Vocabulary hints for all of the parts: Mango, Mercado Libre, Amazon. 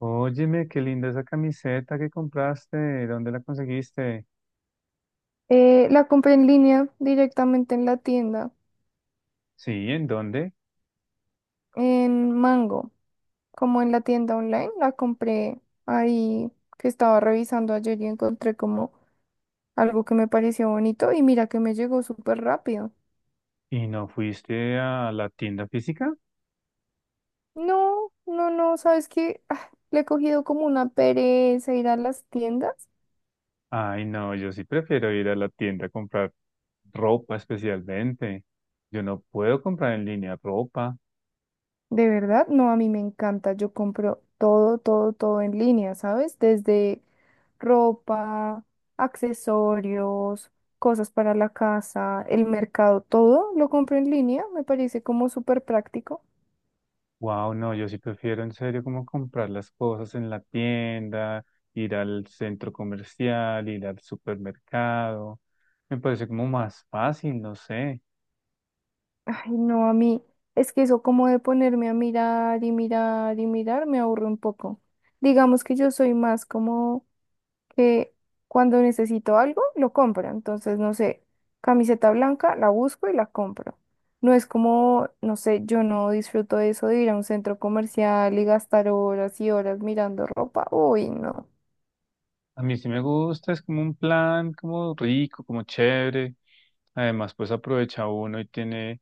Óyeme, qué linda esa camiseta que compraste. ¿Dónde la conseguiste? La compré en línea directamente en la tienda, Sí, ¿en dónde? en Mango, como en la tienda online. La compré ahí que estaba revisando ayer y encontré como algo que me pareció bonito y mira que me llegó súper rápido. ¿Y no fuiste a la tienda física? No, no, no, ¿sabes qué? Le he cogido como una pereza ir a las tiendas. Ay, no, yo sí prefiero ir a la tienda a comprar ropa especialmente. Yo no puedo comprar en línea ropa. De verdad, no, a mí me encanta. Yo compro todo, todo, todo en línea, ¿sabes? Desde ropa, accesorios, cosas para la casa, el mercado, todo lo compro en línea. Me parece como súper práctico. Wow, no, yo sí prefiero en serio como comprar las cosas en la tienda, ir al centro comercial, ir al supermercado. Me parece como más fácil, no sé. Ay, no, a mí, es que eso como de ponerme a mirar y mirar y mirar me aburre un poco. Digamos que yo soy más como que cuando necesito algo, lo compro. Entonces, no sé, camiseta blanca, la busco y la compro. No es como, no sé, yo no disfruto de eso de ir a un centro comercial y gastar horas y horas mirando ropa. Uy, no. A mí sí me gusta, es como un plan como rico, como chévere. Además, pues aprovecha uno y tiene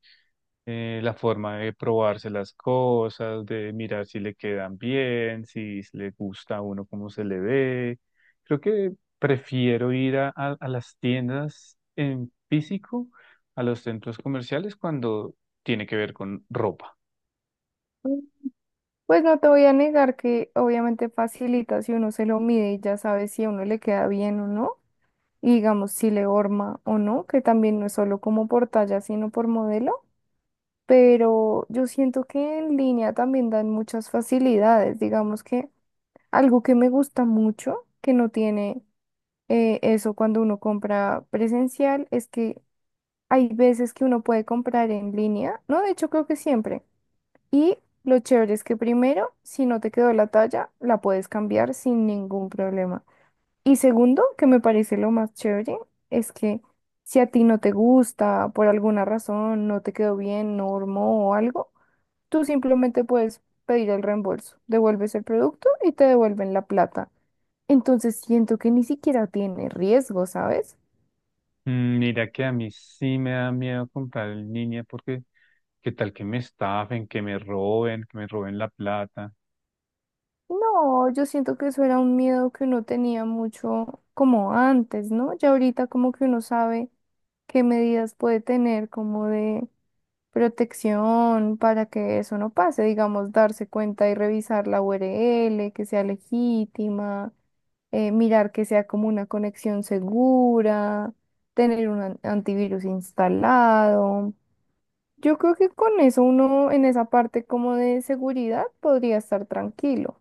la forma de probarse las cosas, de mirar si le quedan bien, si le gusta a uno cómo se le ve. Creo que prefiero ir a las tiendas en físico, a los centros comerciales cuando tiene que ver con ropa. Pues no te voy a negar que obviamente facilita si uno se lo mide y ya sabe si a uno le queda bien o no, y digamos si le horma o no, que también no es solo como por talla, sino por modelo. Pero yo siento que en línea también dan muchas facilidades. Digamos que algo que me gusta mucho, que no tiene eso cuando uno compra presencial, es que hay veces que uno puede comprar en línea, ¿no? De hecho, creo que siempre. Y lo chévere es que primero, si no te quedó la talla, la puedes cambiar sin ningún problema. Y segundo, que me parece lo más chévere, es que... si a ti no te gusta, por alguna razón, no te quedó bien, no hormó o algo, tú simplemente puedes pedir el reembolso, devuelves el producto y te devuelven la plata. Entonces siento que ni siquiera tiene riesgo, ¿sabes? Mm, mira que a mí sí me da miedo comprar en línea porque qué tal que me estafen, que me roben la plata. No, yo siento que eso era un miedo que uno tenía mucho como antes, ¿no? Ya ahorita como que uno sabe qué medidas puede tener, como de protección para que eso no pase, digamos, darse cuenta y revisar la URL, que sea legítima, mirar que sea como una conexión segura, tener un antivirus instalado. Yo creo que con eso uno en esa parte como de seguridad podría estar tranquilo.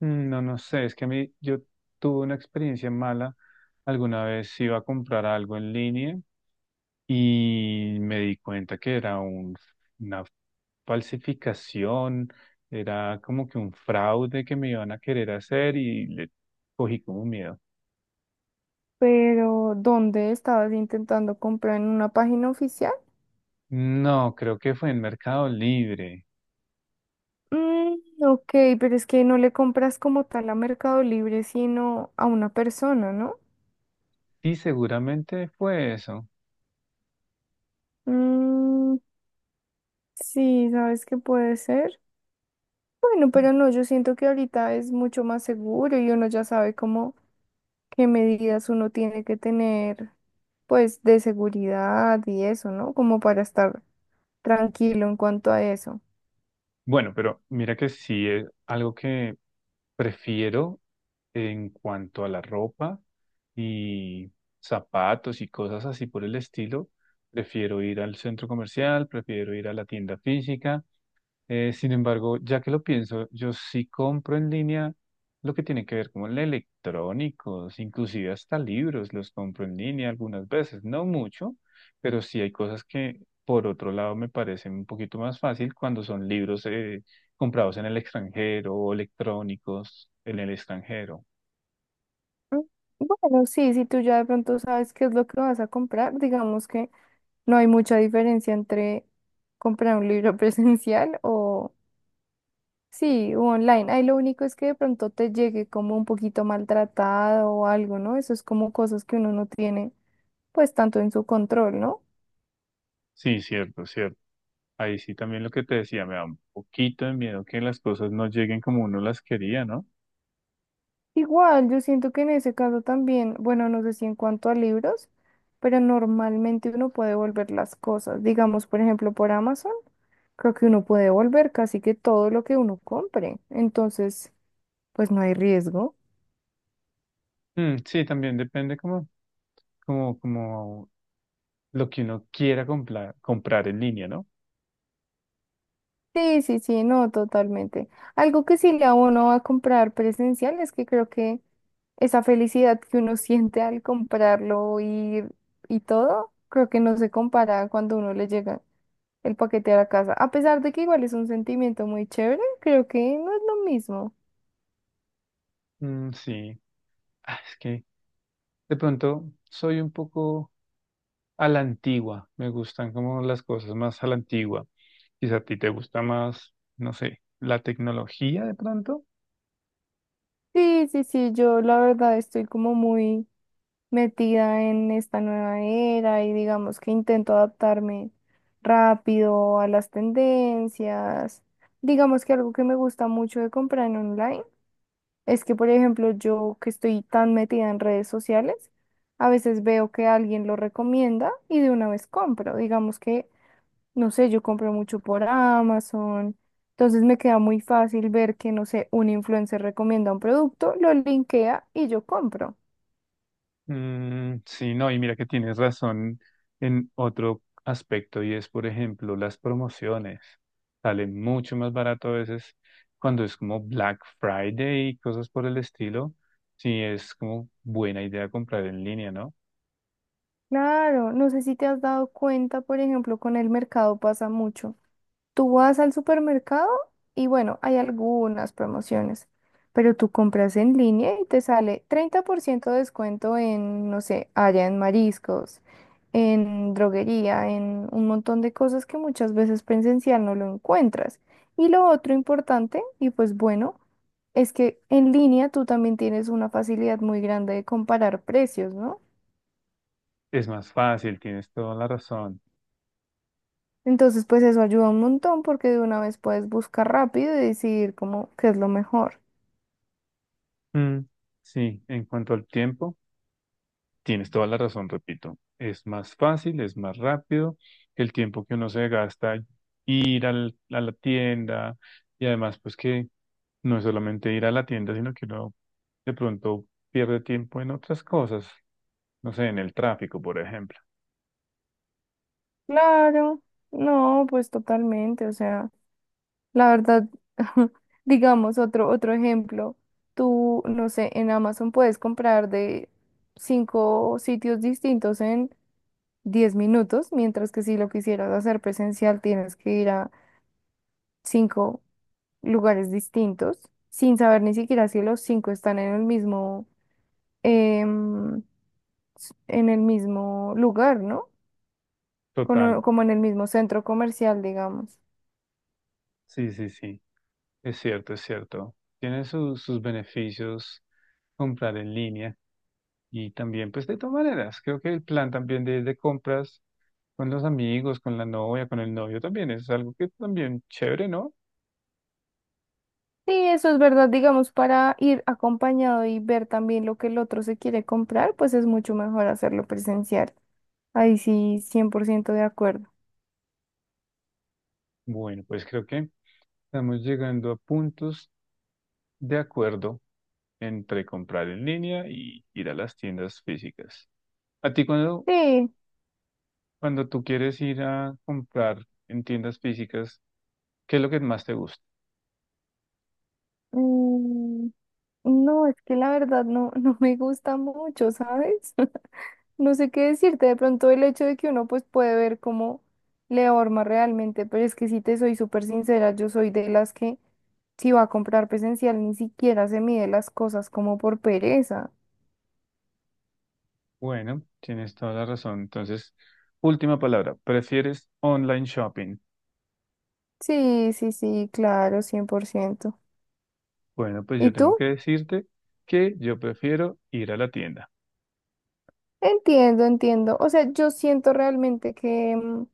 Mm, no, no sé, es que a mí yo tuve una experiencia mala. Alguna vez iba a comprar algo en línea y me di cuenta que era una falsificación, era como que un fraude que me iban a querer hacer y le cogí como miedo. Pero, ¿dónde estabas intentando comprar en una página oficial? No, creo que fue en Mercado Libre. Mm, ok, pero es que no le compras como tal a Mercado Libre, sino a una persona, ¿no? Sí, seguramente fue eso. Mm, sí, ¿sabes qué puede ser? Bueno, pero no, yo siento que ahorita es mucho más seguro y uno ya sabe cómo qué medidas uno tiene que tener, pues, de seguridad y eso, ¿no? Como para estar tranquilo en cuanto a eso. Bueno, pero mira que sí es algo que prefiero en cuanto a la ropa y zapatos y cosas así por el estilo. Prefiero ir al centro comercial, prefiero ir a la tienda física. Sin embargo, ya que lo pienso, yo sí compro en línea lo que tiene que ver con electrónicos, inclusive hasta libros los compro en línea algunas veces, no mucho, pero sí hay cosas que por otro lado me parecen un poquito más fácil cuando son libros comprados en el extranjero o electrónicos en el extranjero. Mm, bueno, sí, si tú ya de pronto sabes qué es lo que vas a comprar, digamos que no hay mucha diferencia entre comprar un libro presencial o sí, u online. Ahí lo único es que de pronto te llegue como un poquito maltratado o algo, ¿no? Eso es como cosas que uno no tiene pues tanto en su control, ¿no? Sí, cierto, cierto. Ahí sí también lo que te decía, me da un poquito de miedo que las cosas no lleguen como uno las quería, ¿no? Igual, yo siento que en ese caso también, bueno, no sé si en cuanto a libros, pero normalmente uno puede volver las cosas. Digamos, por ejemplo, por Amazon, creo que uno puede volver casi que todo lo que uno compre. Entonces, pues no hay riesgo. Mm, sí, también depende como lo que uno quiera comprar, comprar en línea, ¿no? Sí, sí, sí, no, totalmente. Algo que sí le da uno a comprar presencial es que creo que esa felicidad que uno siente al comprarlo y todo, creo que no se compara cuando uno le llega el paquete a la casa. A pesar de que igual es un sentimiento muy chévere, creo que no es lo mismo. Mm, sí, ah, es que de pronto soy un poco a la antigua, me gustan como las cosas más a la antigua. Quizá a ti te gusta más, no sé, la tecnología de pronto. Sí, sí, sí, yo la verdad estoy como muy... metida en esta nueva era y digamos que intento adaptarme rápido a las tendencias. Digamos que algo que me gusta mucho de comprar en online es que, por ejemplo, yo que estoy tan metida en redes sociales, a veces veo que alguien lo recomienda y de una vez compro. Digamos que, no sé, yo compro mucho por Amazon. Entonces me queda muy fácil ver que, no sé, un influencer recomienda un producto, lo linkea y yo compro. Mm, sí, no, y mira que tienes razón en otro aspecto y es, por ejemplo, las promociones. Sale mucho más barato a veces cuando es como Black Friday y cosas por el estilo. Sí, es como buena idea comprar en línea, ¿no? Claro, no sé si te has dado cuenta, por ejemplo, con el mercado pasa mucho. Tú vas al supermercado y bueno, hay algunas promociones, pero tú compras en línea y te sale 30% de descuento en, no sé, allá en mariscos, en droguería, en un montón de cosas que muchas veces presencial no lo encuentras. Y lo otro importante, y pues bueno, es que en línea tú también tienes una facilidad muy grande de comparar precios, ¿no? Es más fácil, tienes toda la razón. Entonces, pues eso ayuda un montón porque de una vez puedes buscar rápido y decidir como qué es lo mejor. Mm, sí, en cuanto al tiempo, tienes toda la razón, repito. Es más fácil, es más rápido. El tiempo que uno se gasta ir a la tienda y además, pues que no es solamente ir a la tienda, sino que uno de pronto pierde tiempo en otras cosas. No sé, en el tráfico, por ejemplo. Claro, no, pues totalmente, o sea, la verdad, digamos otro ejemplo, tú, no sé, en Amazon puedes comprar de 5 sitios distintos en 10 minutos, mientras que si lo quisieras hacer presencial tienes que ir a 5 lugares distintos sin saber ni siquiera si los 5 están en el mismo... em, en el mismo lugar, ¿no? Total. Como en el mismo centro comercial, digamos. Sí, sí, sí. Es cierto, es cierto. Tiene sus beneficios comprar en línea y también, pues de todas maneras, creo que el plan también de compras con los amigos, con la novia, con el novio también es algo que también chévere, ¿no? Sí, eso es verdad, digamos, para ir acompañado y ver también lo que el otro se quiere comprar, pues es mucho mejor hacerlo presencial. Ahí sí, 100% de acuerdo. Bueno, pues creo que estamos llegando a puntos de acuerdo entre comprar en línea y ir a las tiendas físicas. A ti cuando, Sí, cuando tú quieres ir a comprar en tiendas físicas, ¿qué es lo que más te gusta? mm, no, es que la verdad no, no me gusta mucho, ¿sabes? No sé qué decirte, de pronto el hecho de que uno pues puede ver cómo le horma realmente, pero es que si te soy súper sincera, yo soy de las que si va a comprar presencial ni siquiera se mide las cosas como por pereza. Bueno, tienes toda la razón. Entonces, última palabra, ¿prefieres online shopping? Sí, sí, sí, claro, cien por ciento. Bueno, pues ¿Y yo tengo tú? que decirte que yo prefiero ir a la tienda. Entiendo, entiendo. O sea, yo siento realmente que... mm,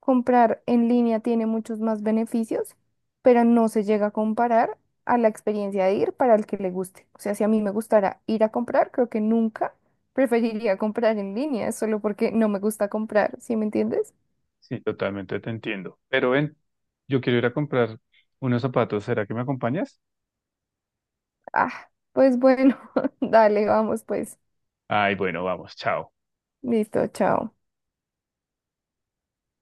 comprar en línea tiene muchos más beneficios, pero no se llega a comparar a la experiencia de ir para el que le guste. O sea, si a mí me gustara ir a comprar, creo que nunca preferiría comprar en línea, solo porque no me gusta comprar, ¿sí me entiendes? Sí, totalmente te entiendo. Pero ven, yo quiero ir a comprar unos zapatos. ¿Será que me acompañas? Ah, pues bueno, dale, vamos pues. Ay, bueno, vamos, chao. Listo, chao.